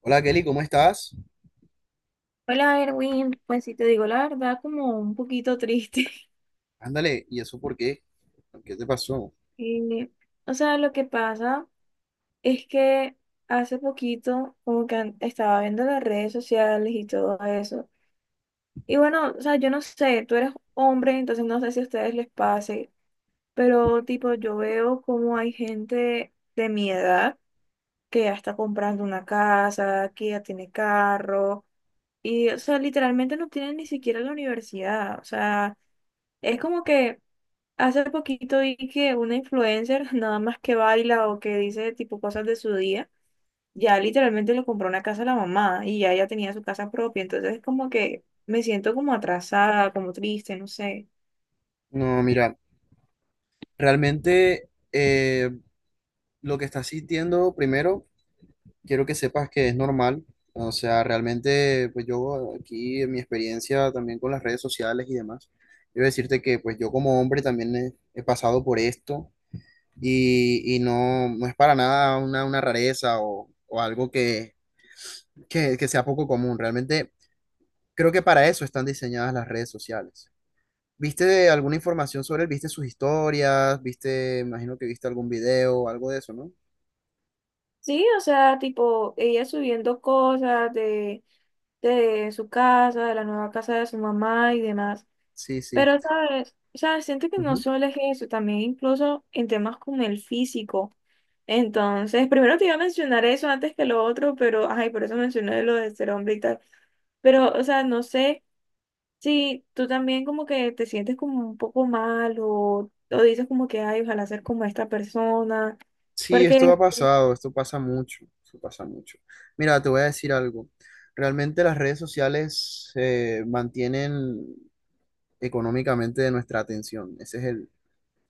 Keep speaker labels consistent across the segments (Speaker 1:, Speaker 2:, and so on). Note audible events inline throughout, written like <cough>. Speaker 1: Hola Kelly, ¿cómo estás?
Speaker 2: Hola, Erwin. Pues si te digo la verdad, como un poquito triste. <laughs>
Speaker 1: Ándale, ¿y eso por qué? ¿Qué te pasó?
Speaker 2: Y, o sea, lo que pasa es que hace poquito como que estaba viendo las redes sociales y todo eso. Y bueno, o sea, yo no sé, tú eres hombre, entonces no sé si a ustedes les pase, pero tipo yo veo como hay gente de mi edad que ya está comprando una casa, que ya tiene carro, y o sea, literalmente no tienen ni siquiera la universidad. O sea, es como que... Hace poquito vi que una influencer, <laughs> nada más que baila o que dice tipo cosas de su día, ya literalmente le compró una casa a la mamá y ya ella tenía su casa propia. Entonces es como que me siento como atrasada, como triste, no sé.
Speaker 1: No, mira, realmente lo que estás sintiendo, primero, quiero que sepas que es normal. O sea, realmente, pues yo aquí en mi experiencia también con las redes sociales y demás, quiero decirte que pues yo como hombre también he pasado por esto y no, no es para nada una, una rareza o algo que sea poco común. Realmente creo que para eso están diseñadas las redes sociales. ¿Viste alguna información sobre él? ¿Viste sus historias? ¿Viste, imagino que viste algún video, algo de eso, ¿no?
Speaker 2: Sí, o sea, tipo ella subiendo cosas de su casa, de la nueva casa de su mamá y demás.
Speaker 1: Sí, sí.
Speaker 2: Pero, ¿sabes? O sea, siento que no
Speaker 1: Ujú.
Speaker 2: solo es eso, también incluso en temas como el físico. Entonces, primero te iba a mencionar eso antes que lo otro, pero, ay, por eso mencioné lo de ser hombre y tal. Pero, o sea, no sé si tú también como que te sientes como un poco mal o dices como que, ay, ojalá ser como esta persona.
Speaker 1: Sí,
Speaker 2: Porque
Speaker 1: esto ha pasado, esto pasa mucho, esto pasa mucho. Mira, te voy a decir algo. Realmente las redes sociales mantienen económicamente de nuestra atención. Ese es el,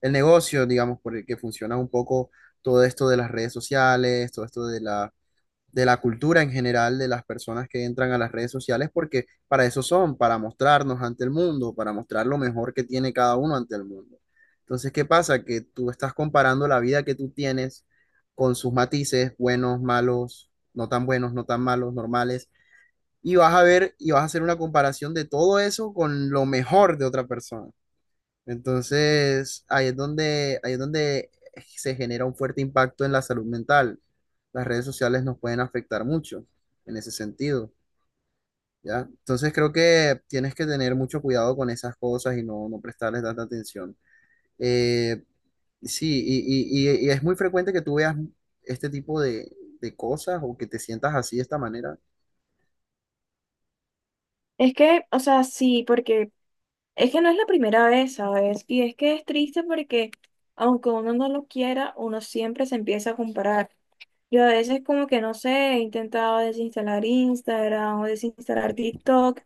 Speaker 1: el negocio, digamos, por el que funciona un poco todo esto de las redes sociales, todo esto de la cultura en general de las personas que entran a las redes sociales, porque para eso son, para mostrarnos ante el mundo, para mostrar lo mejor que tiene cada uno ante el mundo. Entonces, ¿qué pasa? Que tú estás comparando la vida que tú tienes con sus matices, buenos, malos, no tan buenos, no tan malos, normales, y vas a ver y vas a hacer una comparación de todo eso con lo mejor de otra persona. Entonces, ahí es donde se genera un fuerte impacto en la salud mental. Las redes sociales nos pueden afectar mucho en ese sentido, ¿ya? Entonces, creo que tienes que tener mucho cuidado con esas cosas y no, no prestarles tanta atención. Eh, sí, y es muy frecuente que tú veas este tipo de cosas o que te sientas así de esta manera.
Speaker 2: es que, o sea, sí, porque es que no es la primera vez, ¿sabes? Y es que es triste porque aunque uno no lo quiera, uno siempre se empieza a comparar. Yo a veces como que no sé, he intentado desinstalar Instagram o desinstalar TikTok,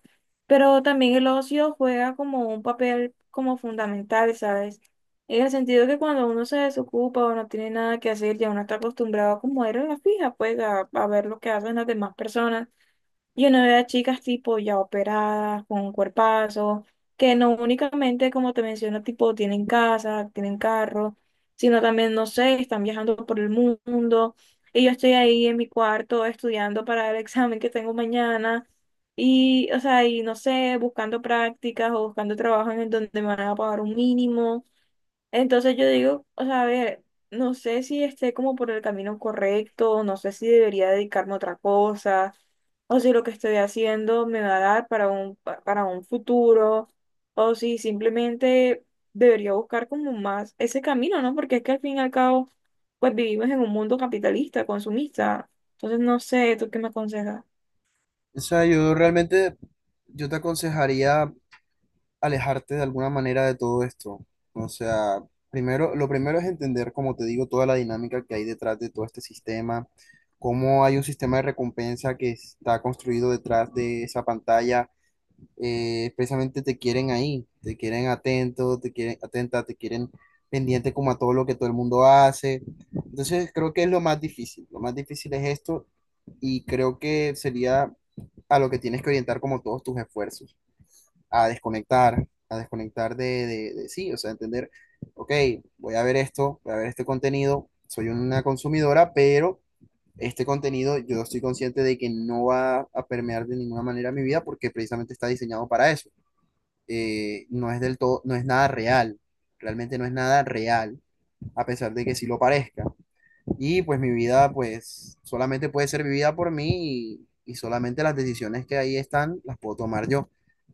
Speaker 2: pero también el ocio juega como un papel como fundamental, ¿sabes? En el sentido que cuando uno se desocupa o no tiene nada que hacer, ya uno está acostumbrado como era la fija, pues a ver lo que hacen las demás personas. Yo no veo a chicas tipo ya operadas, con cuerpazos, que no únicamente, como te menciono, tipo tienen casa, tienen carro, sino también, no sé, están viajando por el mundo. Y yo estoy ahí en mi cuarto estudiando para el <laughs> examen que tengo mañana. Y, o sea, y no sé, buscando prácticas o buscando trabajo en el donde me van a pagar un mínimo. Entonces yo digo, o sea, a ver, no sé si esté como por el camino correcto, no sé si debería dedicarme a otra cosa, o si lo que estoy haciendo me va a dar para un, para un futuro, o si simplemente debería buscar como más ese camino, ¿no? Porque es que al fin y al cabo, pues vivimos en un mundo capitalista, consumista. Entonces no sé, ¿tú qué me aconsejas?
Speaker 1: O sea, yo realmente, yo te aconsejaría alejarte de alguna manera de todo esto. O sea, primero, lo primero es entender, como te digo, toda la dinámica que hay detrás de todo este sistema, cómo hay un sistema de recompensa que está construido detrás de esa pantalla. Precisamente te quieren ahí, te quieren atento, te quieren atenta, te quieren pendiente como a todo lo que todo el mundo hace. Entonces, creo que es lo más difícil. Lo más difícil es esto y creo que sería a lo que tienes que orientar como todos tus esfuerzos a desconectar sí, o sea, entender, ok, voy a ver esto, voy a ver este contenido, soy una consumidora, pero este contenido yo estoy consciente de que no va a permear de ninguna manera mi vida porque precisamente está diseñado para eso. No es del todo, no es nada real, realmente no es nada real, a pesar de que sí lo parezca. Y pues mi vida, pues solamente puede ser vivida por mí y solamente las decisiones que ahí están las puedo tomar yo.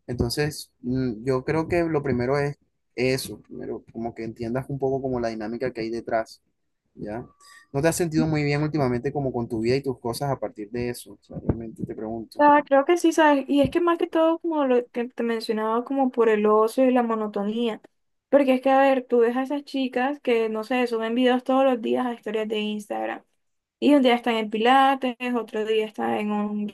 Speaker 1: Entonces, yo creo que lo primero es eso, primero como que entiendas un poco como la dinámica que hay detrás, ¿ya? ¿No te has sentido muy bien últimamente como con tu vida y tus cosas a partir de eso? O sea, realmente te pregunto.
Speaker 2: Ah, creo que sí, ¿sabes? Y es que más que todo, como lo que te mencionaba, como por el ocio y la monotonía. Porque es que, a ver, tú ves a esas chicas que, no sé, suben videos todos los días a historias de Instagram. Y un día están en Pilates, otro día están en un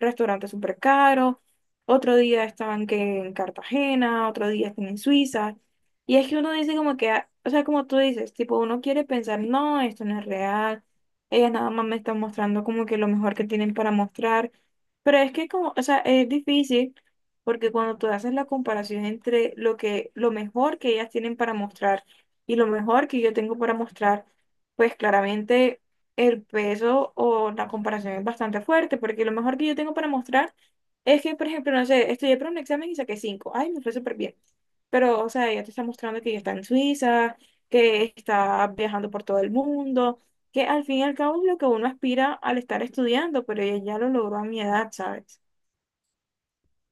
Speaker 2: restaurante súper caro, otro día estaban que en Cartagena, otro día están en Suiza. Y es que uno dice como que, ah, o sea, como tú dices, tipo, uno quiere pensar, no, esto no es real, ellas nada más me están mostrando como que lo mejor que tienen para mostrar. Pero es que como, o sea, es difícil porque cuando tú haces la comparación entre lo que, lo mejor que ellas tienen para mostrar y lo mejor que yo tengo para mostrar, pues claramente el peso o la comparación es bastante fuerte, porque lo mejor que yo tengo para mostrar es que, por ejemplo, no sé, estudié para un examen y saqué cinco. Ay, me fue súper bien. Pero, o sea, ella te está mostrando que ella está en Suiza, que está viajando por todo el mundo, que al fin y al cabo es lo que uno aspira al estar estudiando, pero ella ya lo logró a mi edad, ¿sabes?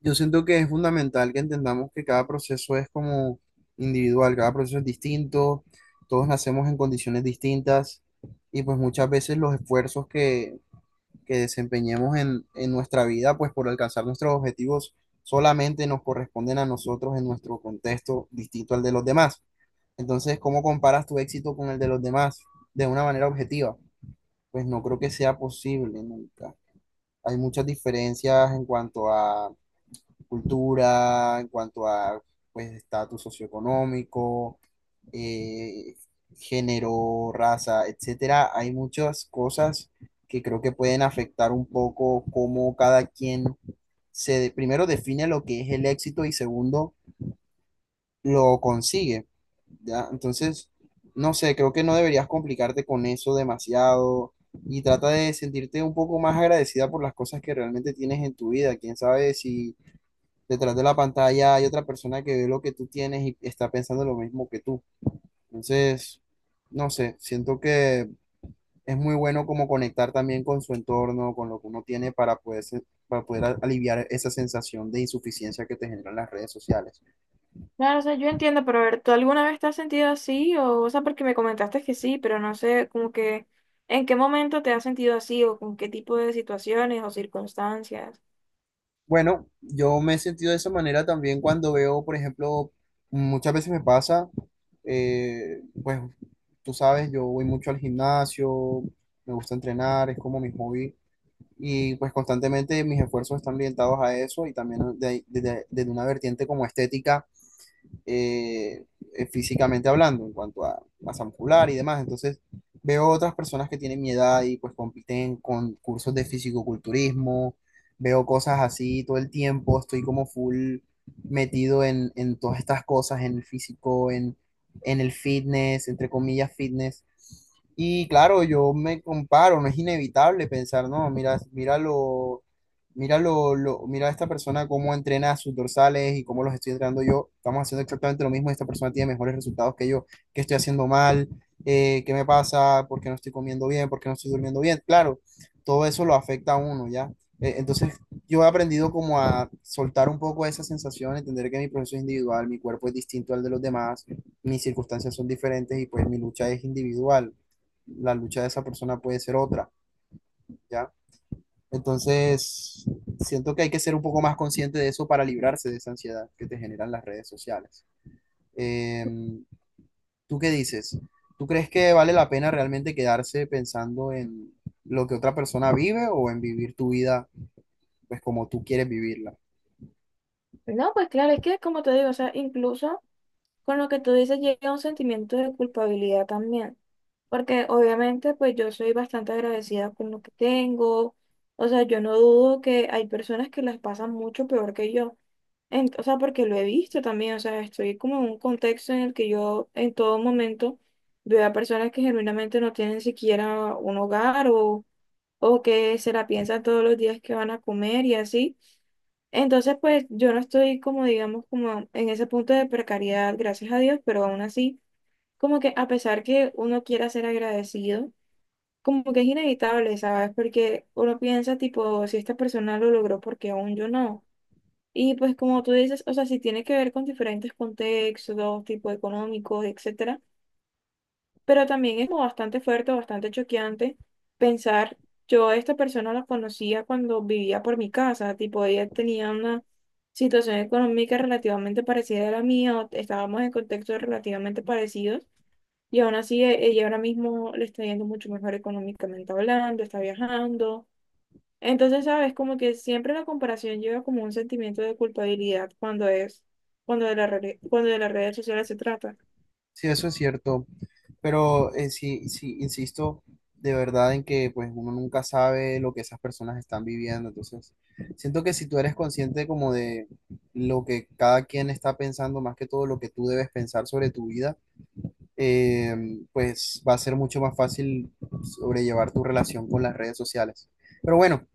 Speaker 1: Yo siento que es fundamental que entendamos que cada proceso es como individual, cada proceso es distinto, todos nacemos en condiciones distintas y pues muchas veces los esfuerzos que desempeñemos en nuestra vida, pues por alcanzar nuestros objetivos solamente nos corresponden a nosotros en nuestro contexto distinto al de los demás. Entonces, ¿cómo comparas tu éxito con el de los demás de una manera objetiva? Pues no creo que sea posible nunca. Hay muchas diferencias en cuanto a cultura, en cuanto a pues estatus socioeconómico, eh, género, raza, etcétera. Hay muchas cosas que creo que pueden afectar un poco cómo cada quien primero define lo que es el éxito y segundo lo consigue, ¿ya? Entonces, no sé, creo que no deberías complicarte con eso demasiado y trata de sentirte un poco más agradecida por las cosas que realmente tienes en tu vida. Quién sabe si detrás de la pantalla hay otra persona que ve lo que tú tienes y está pensando lo mismo que tú. Entonces, no sé, siento que es muy bueno como conectar también con su entorno, con lo que uno tiene para poder, para poder aliviar esa sensación de insuficiencia que te generan las redes sociales.
Speaker 2: Claro, o sea, yo entiendo, pero a ver, ¿tú alguna vez te has sentido así? O sea, porque me comentaste que sí, pero no sé, como que, ¿en qué momento te has sentido así o con qué tipo de situaciones o circunstancias?
Speaker 1: Bueno, yo me he sentido de esa manera también cuando veo, por ejemplo, muchas veces me pasa, pues tú sabes, yo voy mucho al gimnasio, me gusta entrenar, es como mi hobby y pues constantemente mis esfuerzos están orientados a eso y también desde de una vertiente como estética eh, físicamente hablando, en cuanto a masa muscular y demás. Entonces, veo otras personas que tienen mi edad y pues compiten en concursos de fisicoculturismo, veo cosas así todo el tiempo, estoy como full metido en todas estas cosas, en el físico, en el fitness, entre comillas, fitness. Y claro, yo me comparo, no es inevitable pensar, no, mira a esta persona cómo entrena sus dorsales y cómo los estoy entrenando yo. Estamos haciendo exactamente lo mismo. Esta persona tiene mejores resultados que yo. ¿Qué estoy haciendo mal? ¿Qué me pasa? ¿Por qué no estoy comiendo bien? ¿Por qué no estoy durmiendo bien? Claro, todo eso lo afecta a uno, ¿ya? Entonces, yo he aprendido como a soltar un poco esa sensación, entender que mi proceso es individual, mi cuerpo es distinto al de los demás, mis circunstancias son diferentes y pues mi lucha es individual. La lucha de esa persona puede ser otra, ¿ya? Entonces, siento que hay que ser un poco más consciente de eso para librarse de esa ansiedad que te generan las redes sociales. Em, ¿Tú qué dices? ¿Tú crees que vale la pena realmente quedarse pensando en lo que otra persona vive o en vivir tu vida pues como tú quieres vivirla?
Speaker 2: No, pues claro, es que como te digo, o sea, incluso con lo que tú dices llega un sentimiento de culpabilidad también, porque obviamente pues yo soy bastante agradecida con lo que tengo, o sea, yo no dudo que hay personas que las pasan mucho peor que yo. O sea, porque lo he visto también, o sea, estoy como en un contexto en el que yo en todo momento veo a personas que genuinamente no tienen siquiera un hogar o que se la piensan todos los días que van a comer y así. Entonces, pues yo no estoy como, digamos, como en ese punto de precariedad, gracias a Dios, pero aún así, como que a pesar que uno quiera ser agradecido, como que es inevitable, ¿sabes? Porque uno piensa, tipo, ¿si esta persona lo logró, porque aún yo no? Y pues como tú dices, o sea, si tiene que ver con diferentes contextos, tipo económicos, etcétera, pero también es como bastante fuerte, bastante choqueante pensar, yo a esta persona la conocía cuando vivía por mi casa, tipo ella tenía una situación económica relativamente parecida a la mía, o estábamos en contextos relativamente parecidos y aún así ella ahora mismo le está yendo mucho mejor económicamente hablando, está viajando. Entonces, sabes, como que siempre la comparación lleva como un sentimiento de culpabilidad cuando es, cuando cuando de las redes sociales se trata.
Speaker 1: Sí, eso es cierto, pero sí, sí, insisto de verdad en que pues uno nunca sabe lo que esas personas están viviendo, entonces siento que si tú eres consciente como de lo que cada quien está pensando, más que todo lo que tú debes pensar sobre tu vida, eh, pues va a ser mucho más fácil sobrellevar tu relación con las redes sociales. Pero bueno,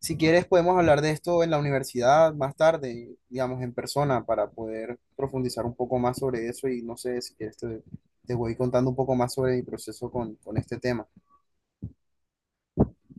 Speaker 1: si quieres podemos hablar de esto en la universidad más tarde, digamos en persona, para poder profundizar un poco más sobre eso y no sé si quieres te voy contando un poco más sobre mi proceso con este tema.